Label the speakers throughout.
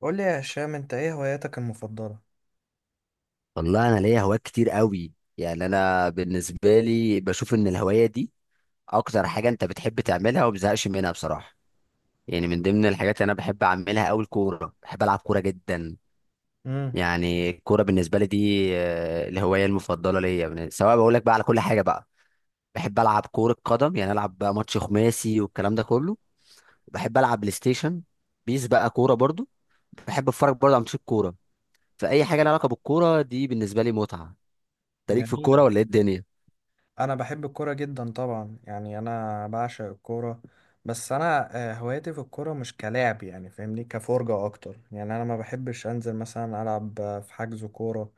Speaker 1: قول لي يا هشام، انت ايه هواياتك المفضلة؟
Speaker 2: والله انا ليا هوايات كتير قوي. يعني انا بالنسبه لي بشوف ان الهوايه دي اكتر حاجه انت بتحب تعملها وما بتزهقش منها بصراحه. يعني من ضمن الحاجات اللي انا بحب اعملها قوي الكوره، بحب العب كوره جدا.
Speaker 1: امم.
Speaker 2: يعني الكوره بالنسبه لي دي الهوايه المفضله ليا سواء بقول لك بقى على كل حاجه بقى. بحب العب كوره قدم، يعني العب بقى ماتش خماسي والكلام ده كله. بحب العب بلاي ستيشن، بيس بقى كوره برضو. بحب اتفرج برضو على ماتشات كوره. فاي حاجه لها علاقه بالكوره دي بالنسبه لي متعه. انت ليك في الكوره
Speaker 1: جميلة.
Speaker 2: ولا ايه الدنيا؟
Speaker 1: انا بحب الكورة جدا طبعا، يعني انا بعشق الكورة. بس انا هواياتي في الكورة مش كلاعب، يعني فاهمني كفرجة اكتر. يعني انا ما بحبش انزل مثلا العب في حجز كورة،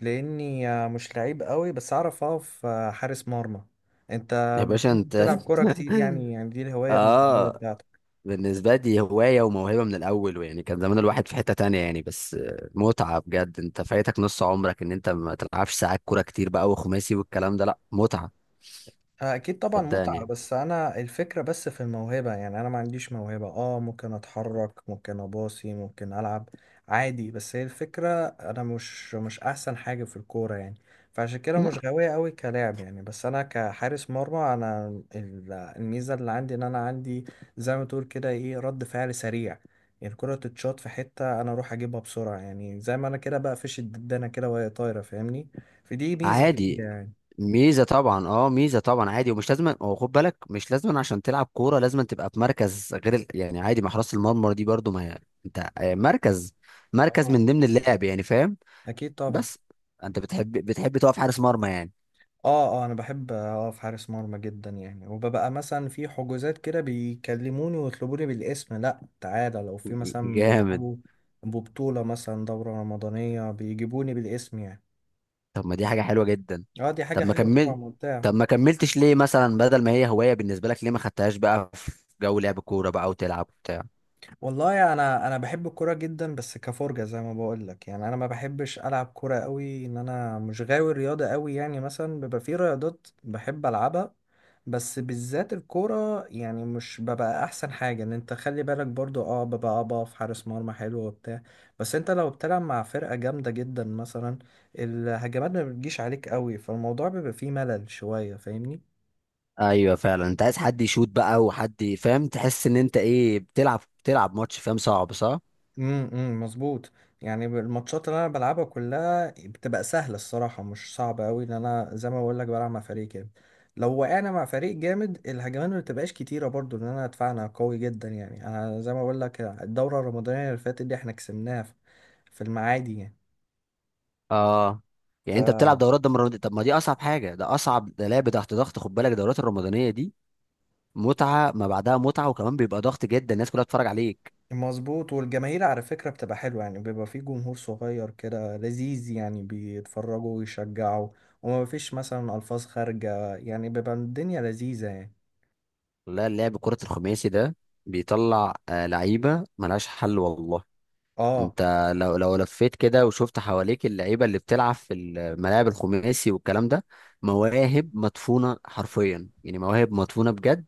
Speaker 1: لاني مش لعيب قوي، بس اعرف اقف حارس مرمى. انت
Speaker 2: يا باشا
Speaker 1: بتنزل
Speaker 2: انت
Speaker 1: تلعب كورة كتير يعني دي الهواية المفضلة
Speaker 2: اه.
Speaker 1: بتاعتك.
Speaker 2: بالنسبة لي هواية وموهبة من الأول، ويعني كان زمان الواحد في حتة تانية يعني، بس متعة بجد. انت فايتك نص عمرك ان انت ما تلعبش ساعات كورة كتير بقى وخماسي والكلام ده، لا متعة.
Speaker 1: اكيد طبعا متعة،
Speaker 2: صدقني.
Speaker 1: بس انا الفكرة بس في الموهبة، يعني انا ما عنديش موهبة. اه ممكن اتحرك، ممكن اباصي، ممكن العب عادي، بس هي الفكرة انا مش احسن حاجة في الكورة يعني. فعشان كده
Speaker 2: لا.
Speaker 1: مش غاوية قوي كلاعب يعني، بس انا كحارس مرمى انا الميزة اللي عندي ان انا عندي زي ما تقول كده ايه، رد فعل سريع. يعني الكرة تتشاط في حتة انا اروح اجيبها بسرعة، يعني زي ما انا كده بقى فيش الددانة كده وهي طايرة، فاهمني. فدي ميزة فيا
Speaker 2: عادي.
Speaker 1: يعني.
Speaker 2: ميزة طبعا، اه ميزة طبعا عادي. ومش لازم، هو خد بالك مش لازم عشان تلعب كورة لازم تبقى في مركز غير يعني عادي، ما حراسة المرمى دي برضو ما هي- انت مركز
Speaker 1: اه،
Speaker 2: من ضمن اللعب يعني فاهم.
Speaker 1: اكيد طبعا.
Speaker 2: بس انت بتحب تقف حارس مرمى يعني؟
Speaker 1: اه، اه، انا بحب اقف حارس مرمى جدا يعني، وببقى مثلا في حجوزات كده بيكلموني ويطلبوني بالاسم، لا تعالى لو في مثلا
Speaker 2: جامد.
Speaker 1: بيلعبوا ببطولة، مثلا دورة رمضانية بيجيبوني بالاسم يعني.
Speaker 2: طب ما دي حاجة حلوة جدا.
Speaker 1: اه، دي حاجة
Speaker 2: طب ما
Speaker 1: حلوة طبعا،
Speaker 2: كمل،
Speaker 1: ممتعة.
Speaker 2: طب ما كملتش ليه مثلا؟ بدل ما هي هواية بالنسبة لك، ليه ما خدتهاش بقى في جو لعب كورة بقى وتلعب بتاع؟
Speaker 1: والله انا بحب الكوره جدا، بس كفرجه زي ما بقول لك. يعني انا ما بحبش العب كوره قوي، ان انا مش غاوي رياضه قوي. يعني مثلا بيبقى في رياضات بحب العبها، بس بالذات الكوره يعني مش ببقى احسن حاجه، ان انت خلي بالك برضو. اه، ببقى اقف حارس مرمى حلو وبتاع، بس انت لو بتلعب مع فرقه جامده جدا مثلا، الهجمات ما بتجيش عليك قوي، فالموضوع بيبقى فيه ملل شويه، فاهمني.
Speaker 2: ايوه فعلا، انت عايز حد يشوت بقى وحد فاهم، تحس ان انت ايه بتلعب ماتش فاهم، صعب صح؟
Speaker 1: أمم، مظبوط. يعني الماتشات اللي انا بلعبها كلها بتبقى سهله الصراحه، مش صعبه قوي، لان انا زي ما بقول لك بلعب مع فريق كامل. لو وقعنا مع فريق جامد الهجمات ما بتبقاش كتيره برضو، لان انا دفاعنا قوي جدا. يعني انا زي ما بقول لك الدوره الرمضانيه اللي فاتت دي احنا كسبناها في في المعادي يعني.
Speaker 2: اه. يعني انت بتلعب دورات ده مرة؟ طب ما دي اصعب حاجة، ده اصعب، ده لعب تحت ضغط خد بالك. الدورات الرمضانية دي متعة ما بعدها متعة، وكمان بيبقى ضغط جدا، الناس كلها بتتفرج عليك.
Speaker 1: فمظبوط، والجماهير على فكره بتبقى حلوه، يعني بيبقى في جمهور صغير كده لذيذ يعني، بيتفرجوا ويشجعوا، وما فيش مثلا الفاظ خارجه، يعني بيبقى الدنيا لذيذه يعني.
Speaker 2: لا، لعب كرة الخماسي ده بيطلع لعيبة ملهاش حل والله.
Speaker 1: اه،
Speaker 2: انت لو لفيت كده وشفت حواليك اللعيبة اللي بتلعب في الملاعب الخماسي والكلام ده، مواهب مدفونة حرفيا، يعني مواهب مدفونة بجد.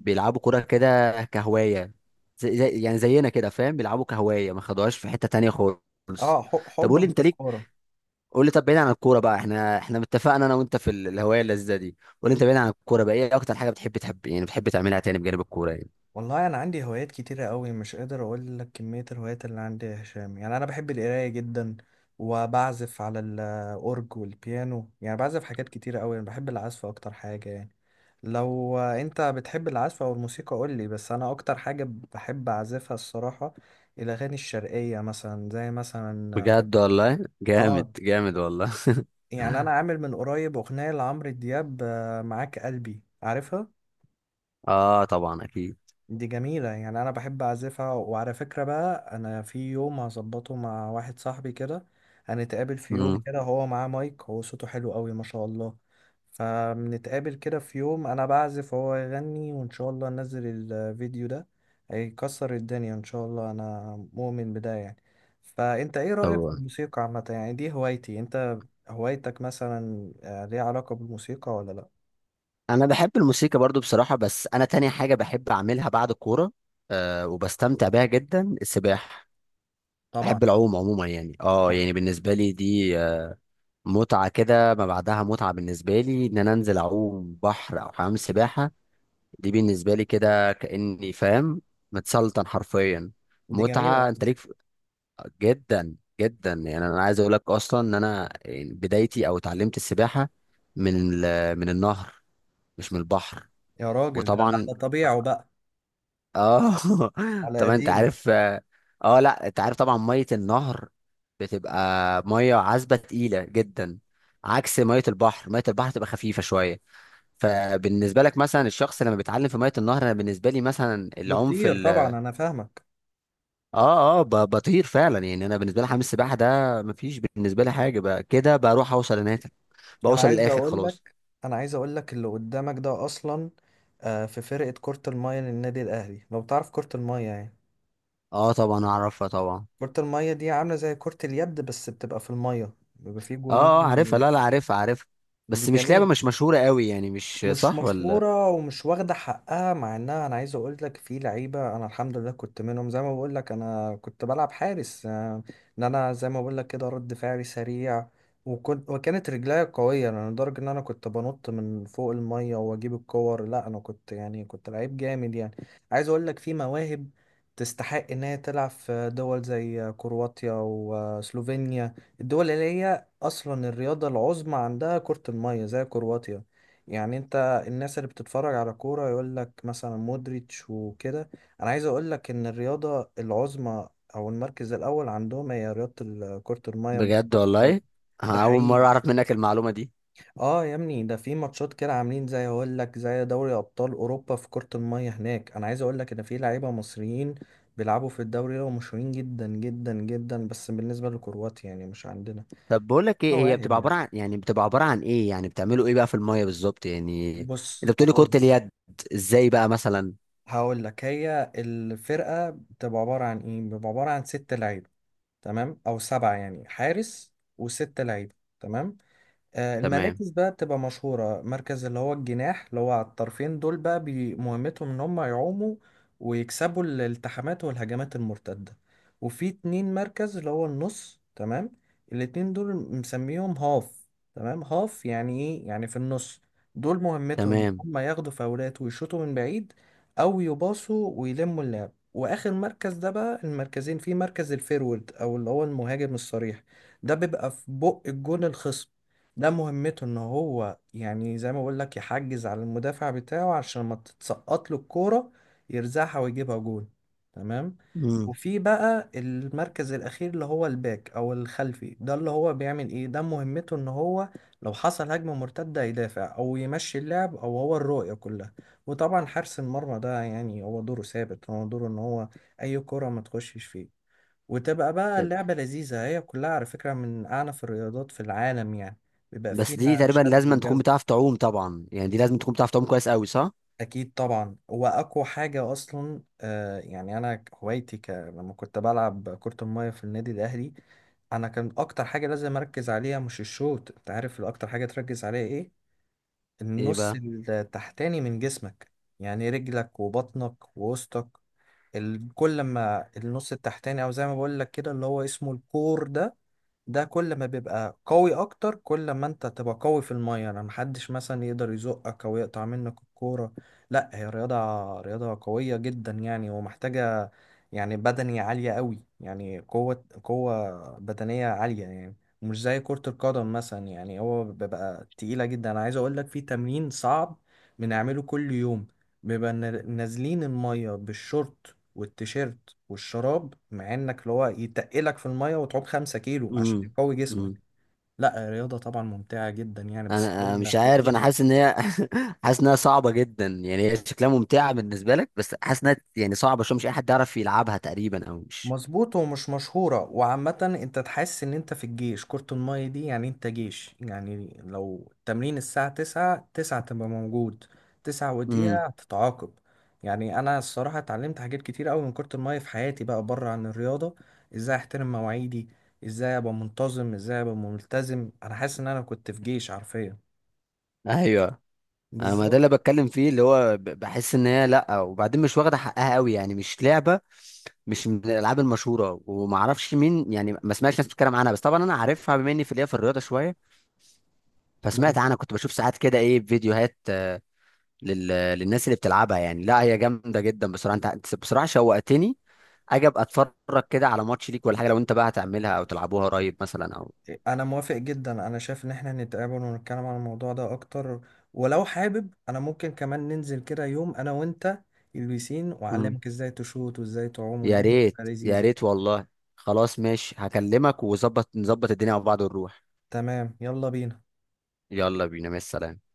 Speaker 2: بيلعبوا كرة كده كهواية. يعني زينا كده فاهم، بيلعبوا كهواية، ما خدوهاش في حتة تانية خالص.
Speaker 1: اه،
Speaker 2: طب قول
Speaker 1: حبا
Speaker 2: لي
Speaker 1: في
Speaker 2: انت ليك،
Speaker 1: الكوره.
Speaker 2: قول لي طب بعيد عن الكورة بقى، احنا اتفقنا انا وانت في الهواية اللذيذة دي. قول لي انت بعيد عن الكورة بقى ايه اكتر حاجة بتحب، يعني بتحب تعملها تاني بجانب الكورة يعني؟
Speaker 1: والله انا عندي هوايات كتيره قوي، مش قادر اقول لك كميه الهوايات اللي عندي يا هشام. يعني انا بحب القرايه جدا، وبعزف على الاورج والبيانو. يعني بعزف حاجات كتيره قوي، انا بحب العزف اكتر حاجه يعني. لو انت بتحب العزف او الموسيقى قول لي، بس انا اكتر حاجه بحب اعزفها الصراحه الاغاني الشرقيه، مثلا زي مثلا،
Speaker 2: بجد والله، جامد
Speaker 1: اه،
Speaker 2: جامد والله.
Speaker 1: يعني انا عامل من قريب اغنيه لعمرو دياب معاك قلبي، عارفها.
Speaker 2: اه طبعا اكيد.
Speaker 1: دي جميلة يعني، أنا بحب أعزفها. وعلى فكرة بقى أنا في يوم هظبطه مع واحد صاحبي كده، هنتقابل في يوم
Speaker 2: امم
Speaker 1: كده، هو معاه مايك، هو صوته حلو قوي ما شاء الله. فبنتقابل كده في يوم أنا بعزف وهو يغني، وإن شاء الله ننزل الفيديو ده، هيكسر الدنيا إن شاء الله، أنا مؤمن بده يعني. فأنت إيه رأيك في
Speaker 2: طبعا
Speaker 1: الموسيقى عامة؟ يعني دي هوايتي، أنت هوايتك مثلا ليها علاقة بالموسيقى ولا لأ؟
Speaker 2: انا بحب الموسيقى برضو بصراحة، بس انا تاني حاجة بحب اعملها بعد الكورة وبستمتع بيها جدا، السباحة. بحب
Speaker 1: طبعا.
Speaker 2: العوم عموما يعني، يعني بالنسبة لي دي متعة كده ما بعدها متعة. بالنسبة لي ان انا انزل اعوم بحر او حمام سباحة، دي بالنسبة لي كده كأني فاهم، متسلطن حرفيا،
Speaker 1: دي جميلة.
Speaker 2: متعة. انت ليك جدا جدا. يعني انا عايز اقول لك اصلا ان انا يعني بدايتي او اتعلمت السباحه من من النهر، مش من البحر.
Speaker 1: يا راجل، ده
Speaker 2: وطبعا
Speaker 1: على طبيعه بقى،
Speaker 2: اه.
Speaker 1: على
Speaker 2: طبعا انت
Speaker 1: قديمه.
Speaker 2: عارف، اه لا انت عارف طبعا، ميه النهر بتبقى ميه عذبه تقيله جدا، عكس ميه البحر. ميه البحر تبقى خفيفه شويه. فبالنسبه لك مثلا الشخص لما بيتعلم في ميه النهر، انا بالنسبه لي مثلا العنف.
Speaker 1: بتطير طبعا، انا فاهمك.
Speaker 2: اه اه، بطير فعلا يعني. انا بالنسبه لي حمام السباحه ده مفيش بالنسبه لي حاجه، بقى كده بروح اوصل هناك،
Speaker 1: انا
Speaker 2: بوصل
Speaker 1: عايز
Speaker 2: للاخر
Speaker 1: اقول
Speaker 2: خلاص.
Speaker 1: لك انا عايز اقول لك اللي قدامك ده اصلا في فرقه كره الميه للنادي الاهلي، لو تعرف كره الميه يعني.
Speaker 2: اه طبعا اعرفها طبعا.
Speaker 1: كره الميه دي عامله زي كره اليد، بس بتبقى في الميه، بيبقى فيه
Speaker 2: اه اه عارفها،
Speaker 1: جونين.
Speaker 2: لا لا عارفها عارفها.
Speaker 1: دي
Speaker 2: بس مش لعبه
Speaker 1: جميله،
Speaker 2: مش مشهوره قوي يعني، مش
Speaker 1: مش
Speaker 2: صح ولا؟
Speaker 1: مشهورة ومش واخدة حقها، مع انها، انا عايز اقول لك في لعيبة انا الحمد لله كنت منهم. زي ما بقول لك انا كنت بلعب حارس، ان انا زي ما بقول لك كده رد فعلي سريع، وكنت وكانت رجليا قوية. يعني لدرجة ان انا كنت بنط من فوق المية واجيب الكور، لا انا كنت يعني كنت لعيب جامد يعني. عايز اقول لك في مواهب تستحق ان هي تلعب في دول زي كرواتيا وسلوفينيا، الدول اللي هي اصلا الرياضة العظمى عندها كرة المية، زي كرواتيا يعني. الناس اللي بتتفرج على كورة يقول لك مثلا مودريتش وكده، انا عايز اقول لك ان الرياضة العظمى او المركز الاول عندهم هي رياضة كرة المية، مش
Speaker 2: بجد
Speaker 1: كرة القدم.
Speaker 2: والله،
Speaker 1: ده
Speaker 2: أنا اول مره
Speaker 1: حقيقي.
Speaker 2: اعرف منك المعلومه دي.
Speaker 1: اه يا ابني، ده في ماتشات كده عاملين زي اقول لك زي دوري ابطال اوروبا في كرة المية هناك. انا عايز اقول لك ان في لعيبة مصريين بيلعبوا في الدوري ده ومشهورين جدا جدا جدا، بس بالنسبة لكرواتيا يعني مش عندنا
Speaker 2: طب بقول لك ايه، هي
Speaker 1: مواهب
Speaker 2: بتبقى
Speaker 1: يعني.
Speaker 2: عباره عن يعني بتبقى عباره عن ايه؟ يعني بتعملوا ايه بقى في الميه بالظبط يعني؟ انت
Speaker 1: بص،
Speaker 2: بتقولي كره
Speaker 1: هقول
Speaker 2: اليد، ازاي بقى مثلا؟
Speaker 1: هقول لك، هي الفرقة بتبقى عبارة عن ايه، بتبقى عبارة عن ست لعيبة، تمام، او سبعة. يعني حارس وست لعيبة تمام.
Speaker 2: تمام.
Speaker 1: المراكز بقى بتبقى مشهورة: مركز اللي هو الجناح، اللي هو على الطرفين دول بقى، مهمتهم ان هم يعوموا ويكسبوا الالتحامات والهجمات المرتدة. وفي اتنين مركز اللي هو النص تمام، الاتنين دول مسميهم هاف، تمام. هاف يعني ايه؟ يعني في النص. دول مهمتهم ان
Speaker 2: تمام.
Speaker 1: هم ياخدوا فاولات ويشوطوا من بعيد، او يباصوا ويلموا اللعب. واخر مركز ده بقى، المركزين فيه مركز الفيرورد، او اللي هو المهاجم الصريح، ده بيبقى في بق الجون الخصم. ده مهمته ان هو، يعني زي ما بقول لك، يحجز على المدافع بتاعه عشان ما تتسقط له الكوره، يرزعها ويجيبها جول. تمام.
Speaker 2: امم.
Speaker 1: وفي بقى المركز الاخير اللي هو الباك، او الخلفي. ده اللي هو بيعمل ايه؟ ده مهمته ان هو لو حصل هجمه مرتده يدافع، او يمشي اللعب، او هو الرؤيه كلها. وطبعا حارس المرمى ده، يعني هو دوره ثابت، هو دوره ان هو اي كره ما تخشش فيه، وتبقى بقى اللعبة لذيذة. هي كلها على فكرة من أعنف الرياضات في العالم يعني، بيبقى
Speaker 2: بس دي
Speaker 1: فيها
Speaker 2: تقريبا
Speaker 1: شد
Speaker 2: لازم تكون
Speaker 1: وجذب.
Speaker 2: بتعرف تعوم طبعا يعني، دي لازم تكون بتعرف تعوم كويس قوي، صح؟
Speaker 1: أكيد طبعا. وأقوى حاجة أصلا، آه يعني أنا هوايتي لما كنت بلعب كرة المية في النادي الأهلي أنا، كان أكتر حاجة لازم أركز عليها مش الشوط. أنت عارف أكتر حاجة تركز عليها إيه؟
Speaker 2: ايه
Speaker 1: النص
Speaker 2: بقى؟
Speaker 1: التحتاني من جسمك، يعني رجلك وبطنك ووسطك. كل لما النص التحتاني، او زي ما بقول لك كده اللي هو اسمه الكور ده، ده كل ما بيبقى قوي اكتر، كل ما انت تبقى قوي في الميه، انا محدش مثلا يقدر يزقك او يقطع منك الكوره. لا هي رياضه، رياضه قويه جدا يعني، ومحتاجه يعني بدني عاليه قوي. يعني قوه، قوه بدنيه عاليه يعني، مش زي كرة القدم مثلا يعني. هو بيبقى تقيلة جدا. أنا عايز أقول لك في تمرين صعب بنعمله كل يوم، بيبقى نازلين المية بالشورت والتيشيرت والشراب، مع انك اللي هو يتقلك في الميه، وتعوم 5 كيلو
Speaker 2: امم،
Speaker 1: عشان يقوي جسمك.
Speaker 2: امم.
Speaker 1: لا الرياضة طبعا ممتعة جدا يعني،
Speaker 2: انا
Speaker 1: بس
Speaker 2: أنا مش
Speaker 1: هي
Speaker 2: عارف، انا
Speaker 1: مهلكة.
Speaker 2: حاسس ان هي، حاسس انها صعبه جدا يعني. هي شكلها ممتعه بالنسبه لك، بس حاسس انها يعني صعبه شويه، مش اي حد يعرف يلعبها تقريبا او مش.
Speaker 1: مظبوط، ومش مشهورة وعامة. انت تحس ان انت في الجيش، كرة المية دي يعني انت جيش. يعني لو التمرين الساعة 9، تسعة تبقى موجود، تسعة
Speaker 2: امم.
Speaker 1: ودقيقة هتتعاقب. يعني انا الصراحة اتعلمت حاجات كتير اوي من كرة المية في حياتي بقى، بره عن الرياضة. ازاي احترم مواعيدي، ازاي ابقى منتظم، ازاي ابقى ملتزم. انا حاسس ان انا كنت في جيش حرفيا،
Speaker 2: ايوه، انا ما ده
Speaker 1: بالظبط.
Speaker 2: اللي بتكلم فيه، اللي هو بحس ان هي، لا وبعدين مش واخده حقها قوي يعني، مش لعبه مش من الالعاب المشهوره، وما اعرفش مين يعني، ما سمعتش ناس بتتكلم عنها. بس طبعا انا عارفها بما اني في ليا في الرياضه شويه، فسمعت عنها. كنت بشوف ساعات كده ايه فيديوهات لل... للناس اللي بتلعبها يعني. لا هي جامده جدا بصراحه، انت بصراحه شوقتني. اجي ابقى اتفرج كده على ماتش ليك، ولا حاجه لو انت بقى هتعملها او تلعبوها قريب مثلا او...
Speaker 1: انا موافق جدا، انا شايف ان احنا نتقابل ونتكلم عن الموضوع ده اكتر، ولو حابب انا ممكن كمان ننزل كده يوم انا وانت البسين،
Speaker 2: مم.
Speaker 1: واعلمك ازاي تشوط وازاي تعوم
Speaker 2: يا
Speaker 1: والدنيا تبقى
Speaker 2: ريت يا
Speaker 1: لذيذة.
Speaker 2: ريت والله. خلاص ماشي هكلمك نظبط الدنيا مع بعض ونروح.
Speaker 1: تمام، يلا بينا.
Speaker 2: يلا بينا، مع السلامه.